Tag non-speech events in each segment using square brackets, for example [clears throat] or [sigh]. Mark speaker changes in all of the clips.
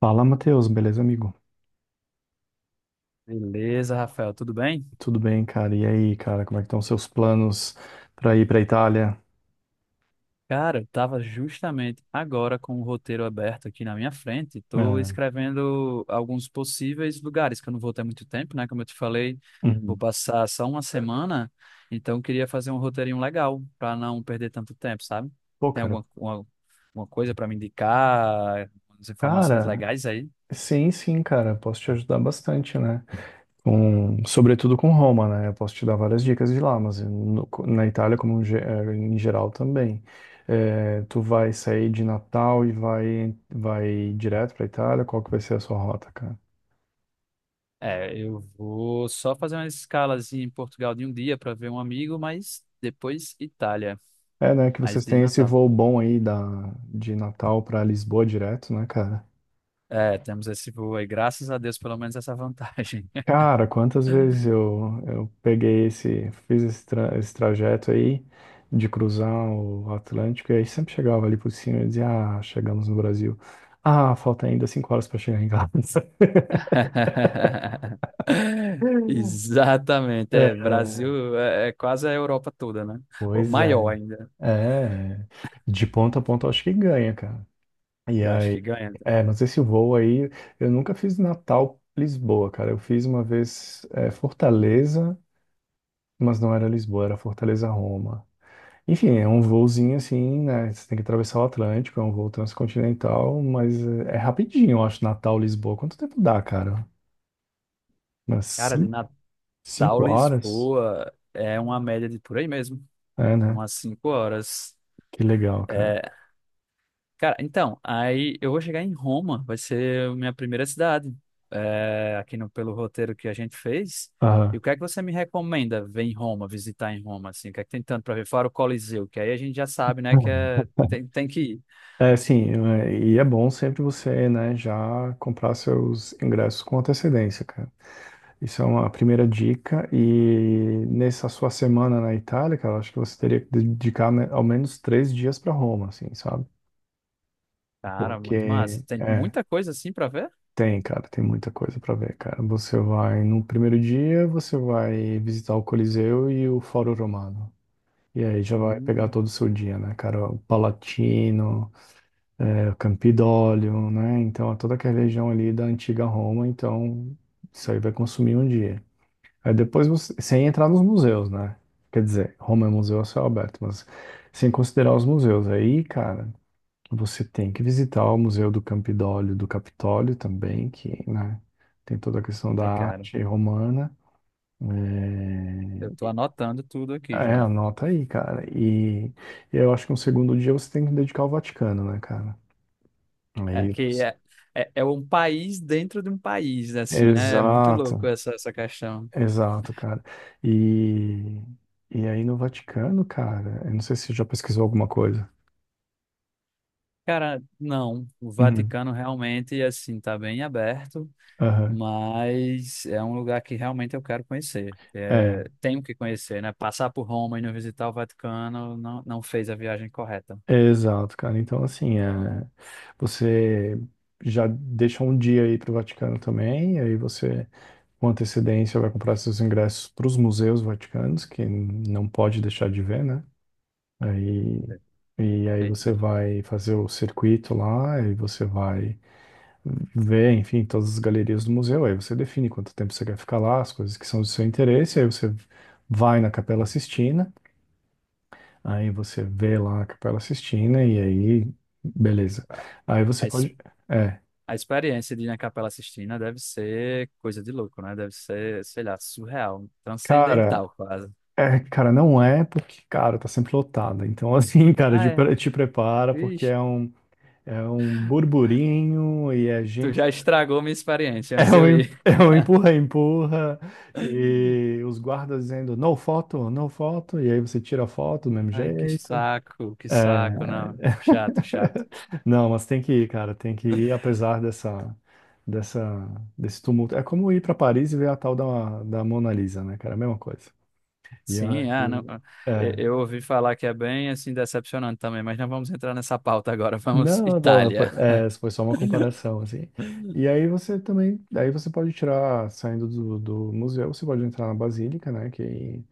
Speaker 1: Fala, Matheus, beleza, amigo?
Speaker 2: Beleza, Rafael, tudo bem?
Speaker 1: Tudo bem, cara? E aí, cara, como é que estão os seus planos pra ir pra Itália?
Speaker 2: Cara, eu tava justamente agora com o roteiro aberto aqui na minha frente. Tô
Speaker 1: Ah,
Speaker 2: escrevendo alguns possíveis lugares, que eu não vou ter muito tempo, né? Como eu te falei, vou
Speaker 1: uhum.
Speaker 2: passar só uma semana, então eu queria fazer um roteirinho legal para não perder tanto tempo, sabe?
Speaker 1: Pô,
Speaker 2: Tem
Speaker 1: cara,
Speaker 2: uma coisa para me indicar, umas informações
Speaker 1: cara,
Speaker 2: legais aí?
Speaker 1: sim, sim, cara, posso te ajudar bastante, né? Sobretudo com Roma, né? Eu posso te dar várias dicas de lá, mas na Itália, como em geral também. Tu vai sair de Natal e vai direto pra Itália? Qual que vai ser a sua rota, cara?
Speaker 2: É, eu vou só fazer uma escalazinha em Portugal de um dia para ver um amigo, mas depois Itália,
Speaker 1: É, né, que
Speaker 2: mas
Speaker 1: vocês
Speaker 2: de
Speaker 1: têm esse
Speaker 2: Natal.
Speaker 1: voo bom aí de Natal pra Lisboa direto, né, cara?
Speaker 2: É, temos esse voo aí. Graças a Deus, pelo menos essa vantagem.
Speaker 1: Cara, quantas vezes eu peguei esse, fiz esse, esse trajeto aí de cruzar o Atlântico e aí sempre chegava ali por cima e dizia, ah, chegamos no Brasil. Ah, falta ainda cinco horas para chegar em casa.
Speaker 2: [laughs]
Speaker 1: [laughs]
Speaker 2: Exatamente.
Speaker 1: É,
Speaker 2: É, Brasil é quase a Europa toda, né? Ou
Speaker 1: pois
Speaker 2: maior
Speaker 1: é.
Speaker 2: ainda.
Speaker 1: É, é. De ponta a ponta eu acho que ganha, cara. E
Speaker 2: Eu acho que
Speaker 1: aí,
Speaker 2: ganha.
Speaker 1: é, mas esse voo aí, eu nunca fiz Natal, Lisboa, cara. Eu fiz uma vez, é, Fortaleza, mas não era Lisboa, era Fortaleza, Roma. Enfim, é um voozinho assim, né? Você tem que atravessar o Atlântico, é um voo transcontinental, mas é é rapidinho, eu acho, Natal, Lisboa. Quanto tempo dá, cara? Umas
Speaker 2: Cara, de Natal,
Speaker 1: cinco horas?
Speaker 2: Lisboa, é uma média de por aí mesmo.
Speaker 1: É,
Speaker 2: É
Speaker 1: né?
Speaker 2: umas 5 horas.
Speaker 1: Que legal, cara.
Speaker 2: É, cara, então, aí eu vou chegar em Roma, vai ser a minha primeira cidade, é, aqui no, pelo roteiro que a gente fez. E
Speaker 1: Aham.
Speaker 2: o que é que você me recomenda ver em Roma, visitar em Roma, assim? O que é que tem tanto para ver? Fora o Coliseu, que aí a gente já sabe, né, que é, tem, tem que ir.
Speaker 1: É, sim, é, e é bom sempre você, né, já comprar seus ingressos com antecedência, cara. Isso é uma primeira dica. E nessa sua semana na Itália, cara, eu acho que você teria que dedicar, né, ao menos três dias para Roma, assim, sabe?
Speaker 2: Cara, muito
Speaker 1: Porque,
Speaker 2: massa. Tem
Speaker 1: é,
Speaker 2: muita coisa assim para ver?
Speaker 1: tem, cara, tem muita coisa pra ver, cara. Você vai no primeiro dia, você vai visitar o Coliseu e o Fórum Romano. E aí já vai pegar
Speaker 2: Hum.
Speaker 1: todo o seu dia, né, cara? O Palatino, é, o Campidoglio, né? Então, é toda aquela região ali da antiga Roma. Então, isso aí vai consumir um dia. Aí depois você, sem entrar nos museus, né? Quer dizer, Roma é museu a céu aberto, mas sem considerar os museus. Aí, cara. Você tem que visitar o Museu do Campidólio, do Capitólio também, que, né, tem toda a questão da
Speaker 2: Ai, cara,
Speaker 1: arte romana.
Speaker 2: eu
Speaker 1: É,
Speaker 2: tô anotando tudo aqui
Speaker 1: é,
Speaker 2: já.
Speaker 1: anota aí, cara. E eu acho que um segundo dia você tem que dedicar ao Vaticano, né, cara?
Speaker 2: É
Speaker 1: Aí
Speaker 2: que
Speaker 1: você.
Speaker 2: é, é, é um país dentro de um país, assim, né? É muito louco
Speaker 1: Exato,
Speaker 2: essa questão.
Speaker 1: exato, cara. E, e aí no Vaticano, cara, eu não sei se você já pesquisou alguma coisa.
Speaker 2: Cara, não. O
Speaker 1: Uhum.
Speaker 2: Vaticano realmente, assim, tá bem aberto,
Speaker 1: Aham.
Speaker 2: mas é um lugar que realmente eu quero conhecer. É,
Speaker 1: É.
Speaker 2: tenho que conhecer, né? Passar por Roma e não visitar o Vaticano não, não fez a viagem correta.
Speaker 1: É, exato, cara. Então, assim, é, você já deixa um dia aí para o Vaticano também, e aí você, com antecedência, vai comprar seus ingressos para os museus vaticanos, que não pode deixar de ver, né? Aí, e aí
Speaker 2: Perfeito,
Speaker 1: você
Speaker 2: perfeito.
Speaker 1: vai fazer o circuito lá, e você vai ver, enfim, todas as galerias do museu, aí você define quanto tempo você quer ficar lá, as coisas que são do seu interesse, aí você vai na Capela Sistina. Aí você vê lá a Capela Sistina e aí, beleza. Aí você
Speaker 2: A, ex-
Speaker 1: pode. É,
Speaker 2: a experiência de ir na Capela Sistina deve ser coisa de louco, né? Deve ser, sei lá, surreal,
Speaker 1: cara,
Speaker 2: transcendental quase.
Speaker 1: é, cara, não é porque, cara, tá sempre lotada. Então, [laughs] assim, cara,
Speaker 2: Ah, é.
Speaker 1: te prepara porque
Speaker 2: Ixi,
Speaker 1: é um burburinho e é
Speaker 2: tu
Speaker 1: gente.
Speaker 2: já estragou minha experiência antes de eu ir.
Speaker 1: [laughs] É um empurra, empurra,
Speaker 2: [laughs]
Speaker 1: e os guardas dizendo no foto, no foto, e aí você tira a foto do mesmo
Speaker 2: Ai,
Speaker 1: jeito.
Speaker 2: que saco,
Speaker 1: É.
Speaker 2: não. Chato, chato.
Speaker 1: [laughs] Não, mas tem que ir, cara, tem que ir, apesar dessa, dessa, desse tumulto. É como ir para Paris e ver a tal da Mona Lisa, né, cara? É a mesma coisa. E aí,
Speaker 2: Sim, ah, não, eu
Speaker 1: é,
Speaker 2: eu ouvi falar que é bem assim decepcionante também, mas não vamos entrar nessa pauta agora, vamos
Speaker 1: não, não,
Speaker 2: Itália.
Speaker 1: foi só uma
Speaker 2: [laughs]
Speaker 1: comparação, assim. E aí você também, aí você pode tirar, saindo do, do museu, você pode entrar na Basílica, né, que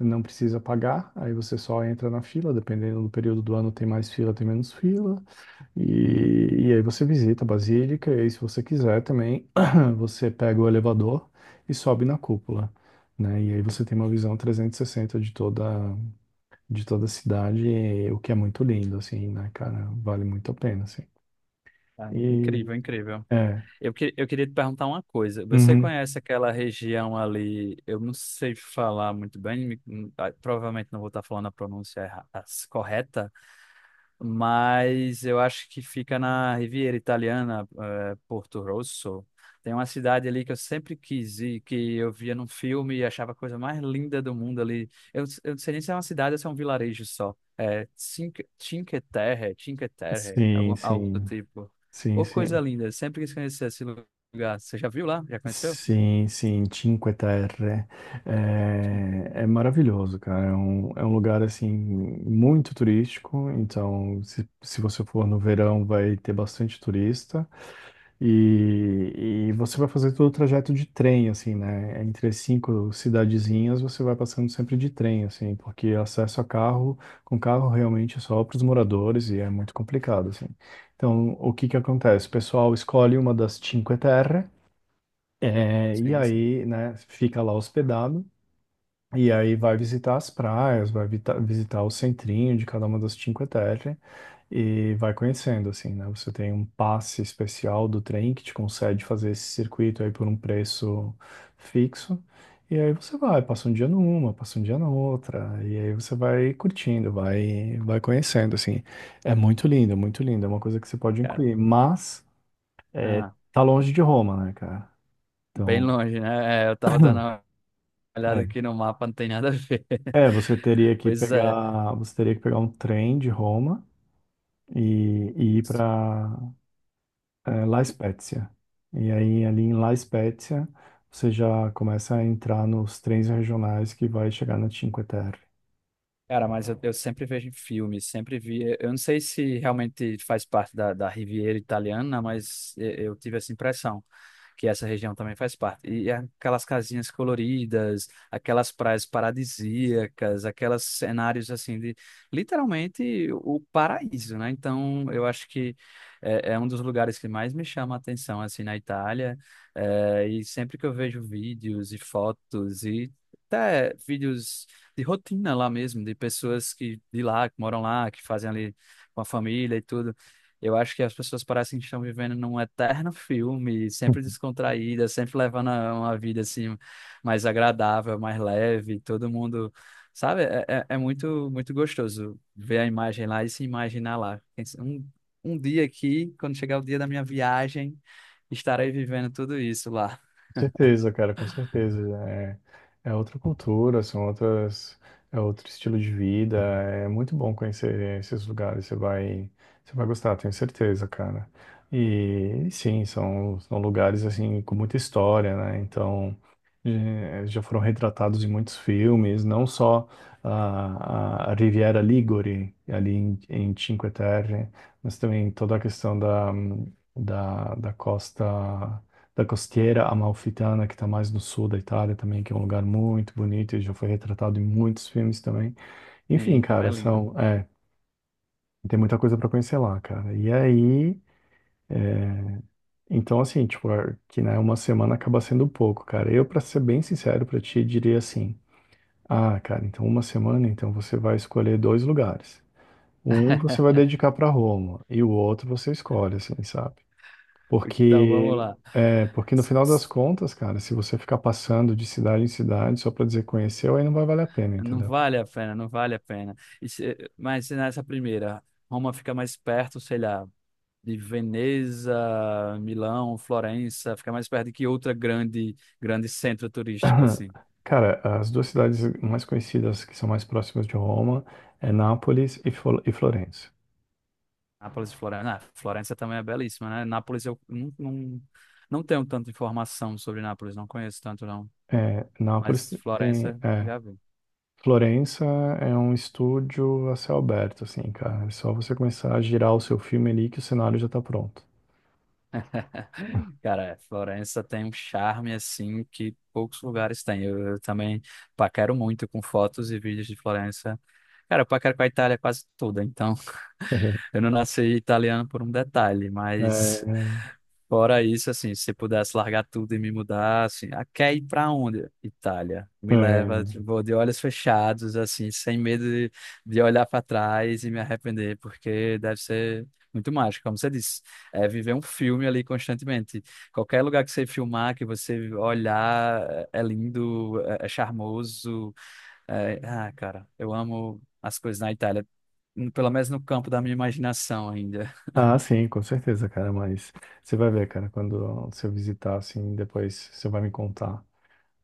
Speaker 1: não precisa pagar, aí você só entra na fila, dependendo do período do ano tem mais fila, tem menos fila. E aí você visita a Basílica, e aí, se você quiser também, [clears throat] você pega o elevador e sobe na cúpula, né? E aí você tem uma visão 360 de toda a cidade, e- o que é muito lindo, assim, né, cara? Vale muito a pena, assim.
Speaker 2: Ah,
Speaker 1: E,
Speaker 2: incrível, incrível.
Speaker 1: é,
Speaker 2: Eu queria te perguntar uma coisa. Você
Speaker 1: uhum,
Speaker 2: conhece aquela região ali? Eu não sei falar muito bem, provavelmente não vou estar falando a pronúncia correta, mas eu acho que fica na Riviera Italiana, Porto Rosso. Tem uma cidade ali que eu sempre quis ir, que eu via num filme e achava a coisa mais linda do mundo ali. Eu não sei nem se é uma cidade ou se é um vilarejo só. É Cinque Terre,
Speaker 1: sim,
Speaker 2: algum, algo do
Speaker 1: sim,
Speaker 2: tipo.
Speaker 1: sim,
Speaker 2: Ô, coisa
Speaker 1: sim.
Speaker 2: linda, eu sempre quis conhecer esse lugar. Você já viu lá? Já conheceu?
Speaker 1: Sim, sim, Cinque Terre.
Speaker 2: Cinque-
Speaker 1: É, é maravilhoso, cara. É um lugar, assim, muito turístico. Então, se você for no verão, vai ter bastante turista. E, e você vai fazer todo o trajeto de trem, assim, né? Entre as cinco cidadezinhas, você vai passando sempre de trem, assim, porque acesso a carro, com carro, realmente é só para os moradores e é muito complicado, assim. Então, o que que acontece? O pessoal escolhe uma das Cinque Terre é, e
Speaker 2: Sim, sim,
Speaker 1: aí, né, fica lá hospedado, e aí vai visitar as praias, vai visitar o centrinho de cada uma das Cinque Terre, e vai conhecendo, assim, né? Você tem um passe especial do trem que te concede fazer esse circuito aí por um preço fixo, e aí você vai, passa um dia numa, passa um dia na outra, e aí você vai curtindo, vai conhecendo, assim. É muito lindo, é muito lindo, é uma coisa que você pode
Speaker 2: cara.
Speaker 1: incluir, mas é,
Speaker 2: Ah,
Speaker 1: tá longe de Roma, né, cara?
Speaker 2: bem
Speaker 1: Então.
Speaker 2: longe, né? É, eu tava dando uma olhada
Speaker 1: É.
Speaker 2: aqui no mapa, não tem nada a ver. [laughs]
Speaker 1: É, você teria que
Speaker 2: Pois é.
Speaker 1: pegar, você teria que pegar um trem de Roma e ir para La Spezia. E aí ali em La Spezia você já começa a entrar nos trens regionais que vai chegar na Cinque Terre.
Speaker 2: Cara, mas eu sempre vejo em filmes, sempre vi. Eu não sei se realmente faz parte da Riviera Italiana, mas eu tive essa impressão que essa região também faz parte. E é aquelas casinhas coloridas, aquelas praias paradisíacas, aqueles cenários assim de literalmente o paraíso, né? Então eu acho que é um dos lugares que mais me chama a atenção assim na Itália. É, e sempre que eu vejo vídeos e fotos e até vídeos de rotina lá mesmo, de pessoas que de lá, que moram lá, que fazem ali com a família e tudo. Eu acho que as pessoas parecem que estão vivendo num eterno [laughs] filme, sempre descontraídas, sempre uma vida assim mais agradável, mais leve, todo mundo, sabe? É muito muito gostoso ver a imagem lá e se imaginar lá. Pensa, um dia aqui, quando chegar o dia da minha viagem, estarei vivendo tudo isso lá.
Speaker 1: Com certeza, cara, com certeza. É, é outra cultura, são outras, é outro estilo de vida. É muito bom conhecer esses lugares. Você vai gostar, tenho certeza, cara. E sim, são, lugares assim com muita história, né? Então já foram retratados em muitos filmes, não só a Riviera Ligure ali em Cinque Terre, mas também toda a questão da costa da costeira amalfitana, que está mais no sul da Itália também, que é um lugar muito bonito e já foi retratado em muitos filmes também. Enfim,
Speaker 2: Sim, também é
Speaker 1: cara,
Speaker 2: lindo.
Speaker 1: são, é, tem muita coisa para conhecer lá, cara. E aí, é, então assim, tipo, é que né, uma semana acaba sendo pouco, cara. Eu, para ser bem sincero para ti, diria assim: "Ah, cara, então uma semana, então você vai escolher dois lugares. Um você vai dedicar para Roma e o outro você escolhe, assim, sabe?
Speaker 2: Então, vamos
Speaker 1: Porque,
Speaker 2: lá.
Speaker 1: porque no final das contas, cara, se você ficar passando de cidade em cidade só pra dizer conheceu, aí não vai valer a pena,
Speaker 2: Não
Speaker 1: entendeu?
Speaker 2: vale a pena, não vale a pena. Mas se nessa primeira, Roma fica mais perto, sei lá, de Veneza, Milão, Florença, fica mais perto de que outra grande, grande centro turístico, assim.
Speaker 1: [clears throat] Cara, as duas cidades mais conhecidas que são mais próximas de Roma é Nápoles e, e Florença.
Speaker 2: Nápoles e Florença. Ah, Florença também é belíssima, né? Nápoles eu não, não tenho tanta informação sobre Nápoles, não conheço tanto, não.
Speaker 1: É, Nápoles
Speaker 2: Mas
Speaker 1: tem,
Speaker 2: Florença,
Speaker 1: é,
Speaker 2: já vi.
Speaker 1: Florença é um estúdio a céu aberto, assim, cara. É só você começar a girar o seu filme ali que o cenário já tá pronto.
Speaker 2: [laughs] Cara, Florença tem um charme assim que poucos lugares têm. Eu também paquero muito com fotos e vídeos de Florença. Cara, eu paquero com a Itália quase toda, então [laughs]
Speaker 1: [laughs]
Speaker 2: eu não nasci italiano por um detalhe, mas
Speaker 1: É,
Speaker 2: fora isso, assim, se pudesse largar tudo e me mudar, assim, ah, quer ir pra onde? Itália. Me leva,
Speaker 1: é,
Speaker 2: vou de olhos fechados, assim, sem medo de olhar para trás e me arrepender, porque deve ser muito mágico, como você disse. É viver um filme ali constantemente. Qualquer lugar que você filmar, que você olhar, é lindo, é charmoso. Ah, cara, eu amo as coisas na Itália, pelo menos no campo da minha imaginação ainda.
Speaker 1: ah, sim, com certeza, cara, mas você vai ver, cara, quando você visitar, assim, depois você vai me contar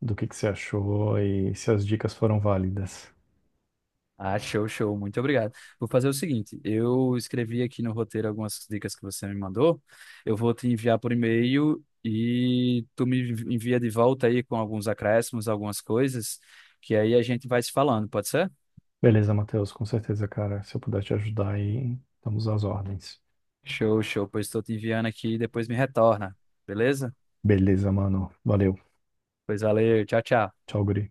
Speaker 1: do que você achou e se as dicas foram válidas.
Speaker 2: Ah, show, show. Muito obrigado. Vou fazer o seguinte: eu escrevi aqui no roteiro algumas dicas que você me mandou. Eu vou te enviar por e-mail e tu me envia de volta aí com alguns acréscimos, algumas coisas, que aí a gente vai se falando, pode ser?
Speaker 1: Beleza, Matheus, com certeza, cara, se eu puder te ajudar aí, estamos às ordens.
Speaker 2: Show, show. Pois estou te enviando aqui e depois me retorna, beleza?
Speaker 1: Beleza, mano, valeu,
Speaker 2: Pois valeu, tchau, tchau.
Speaker 1: tchau, guri.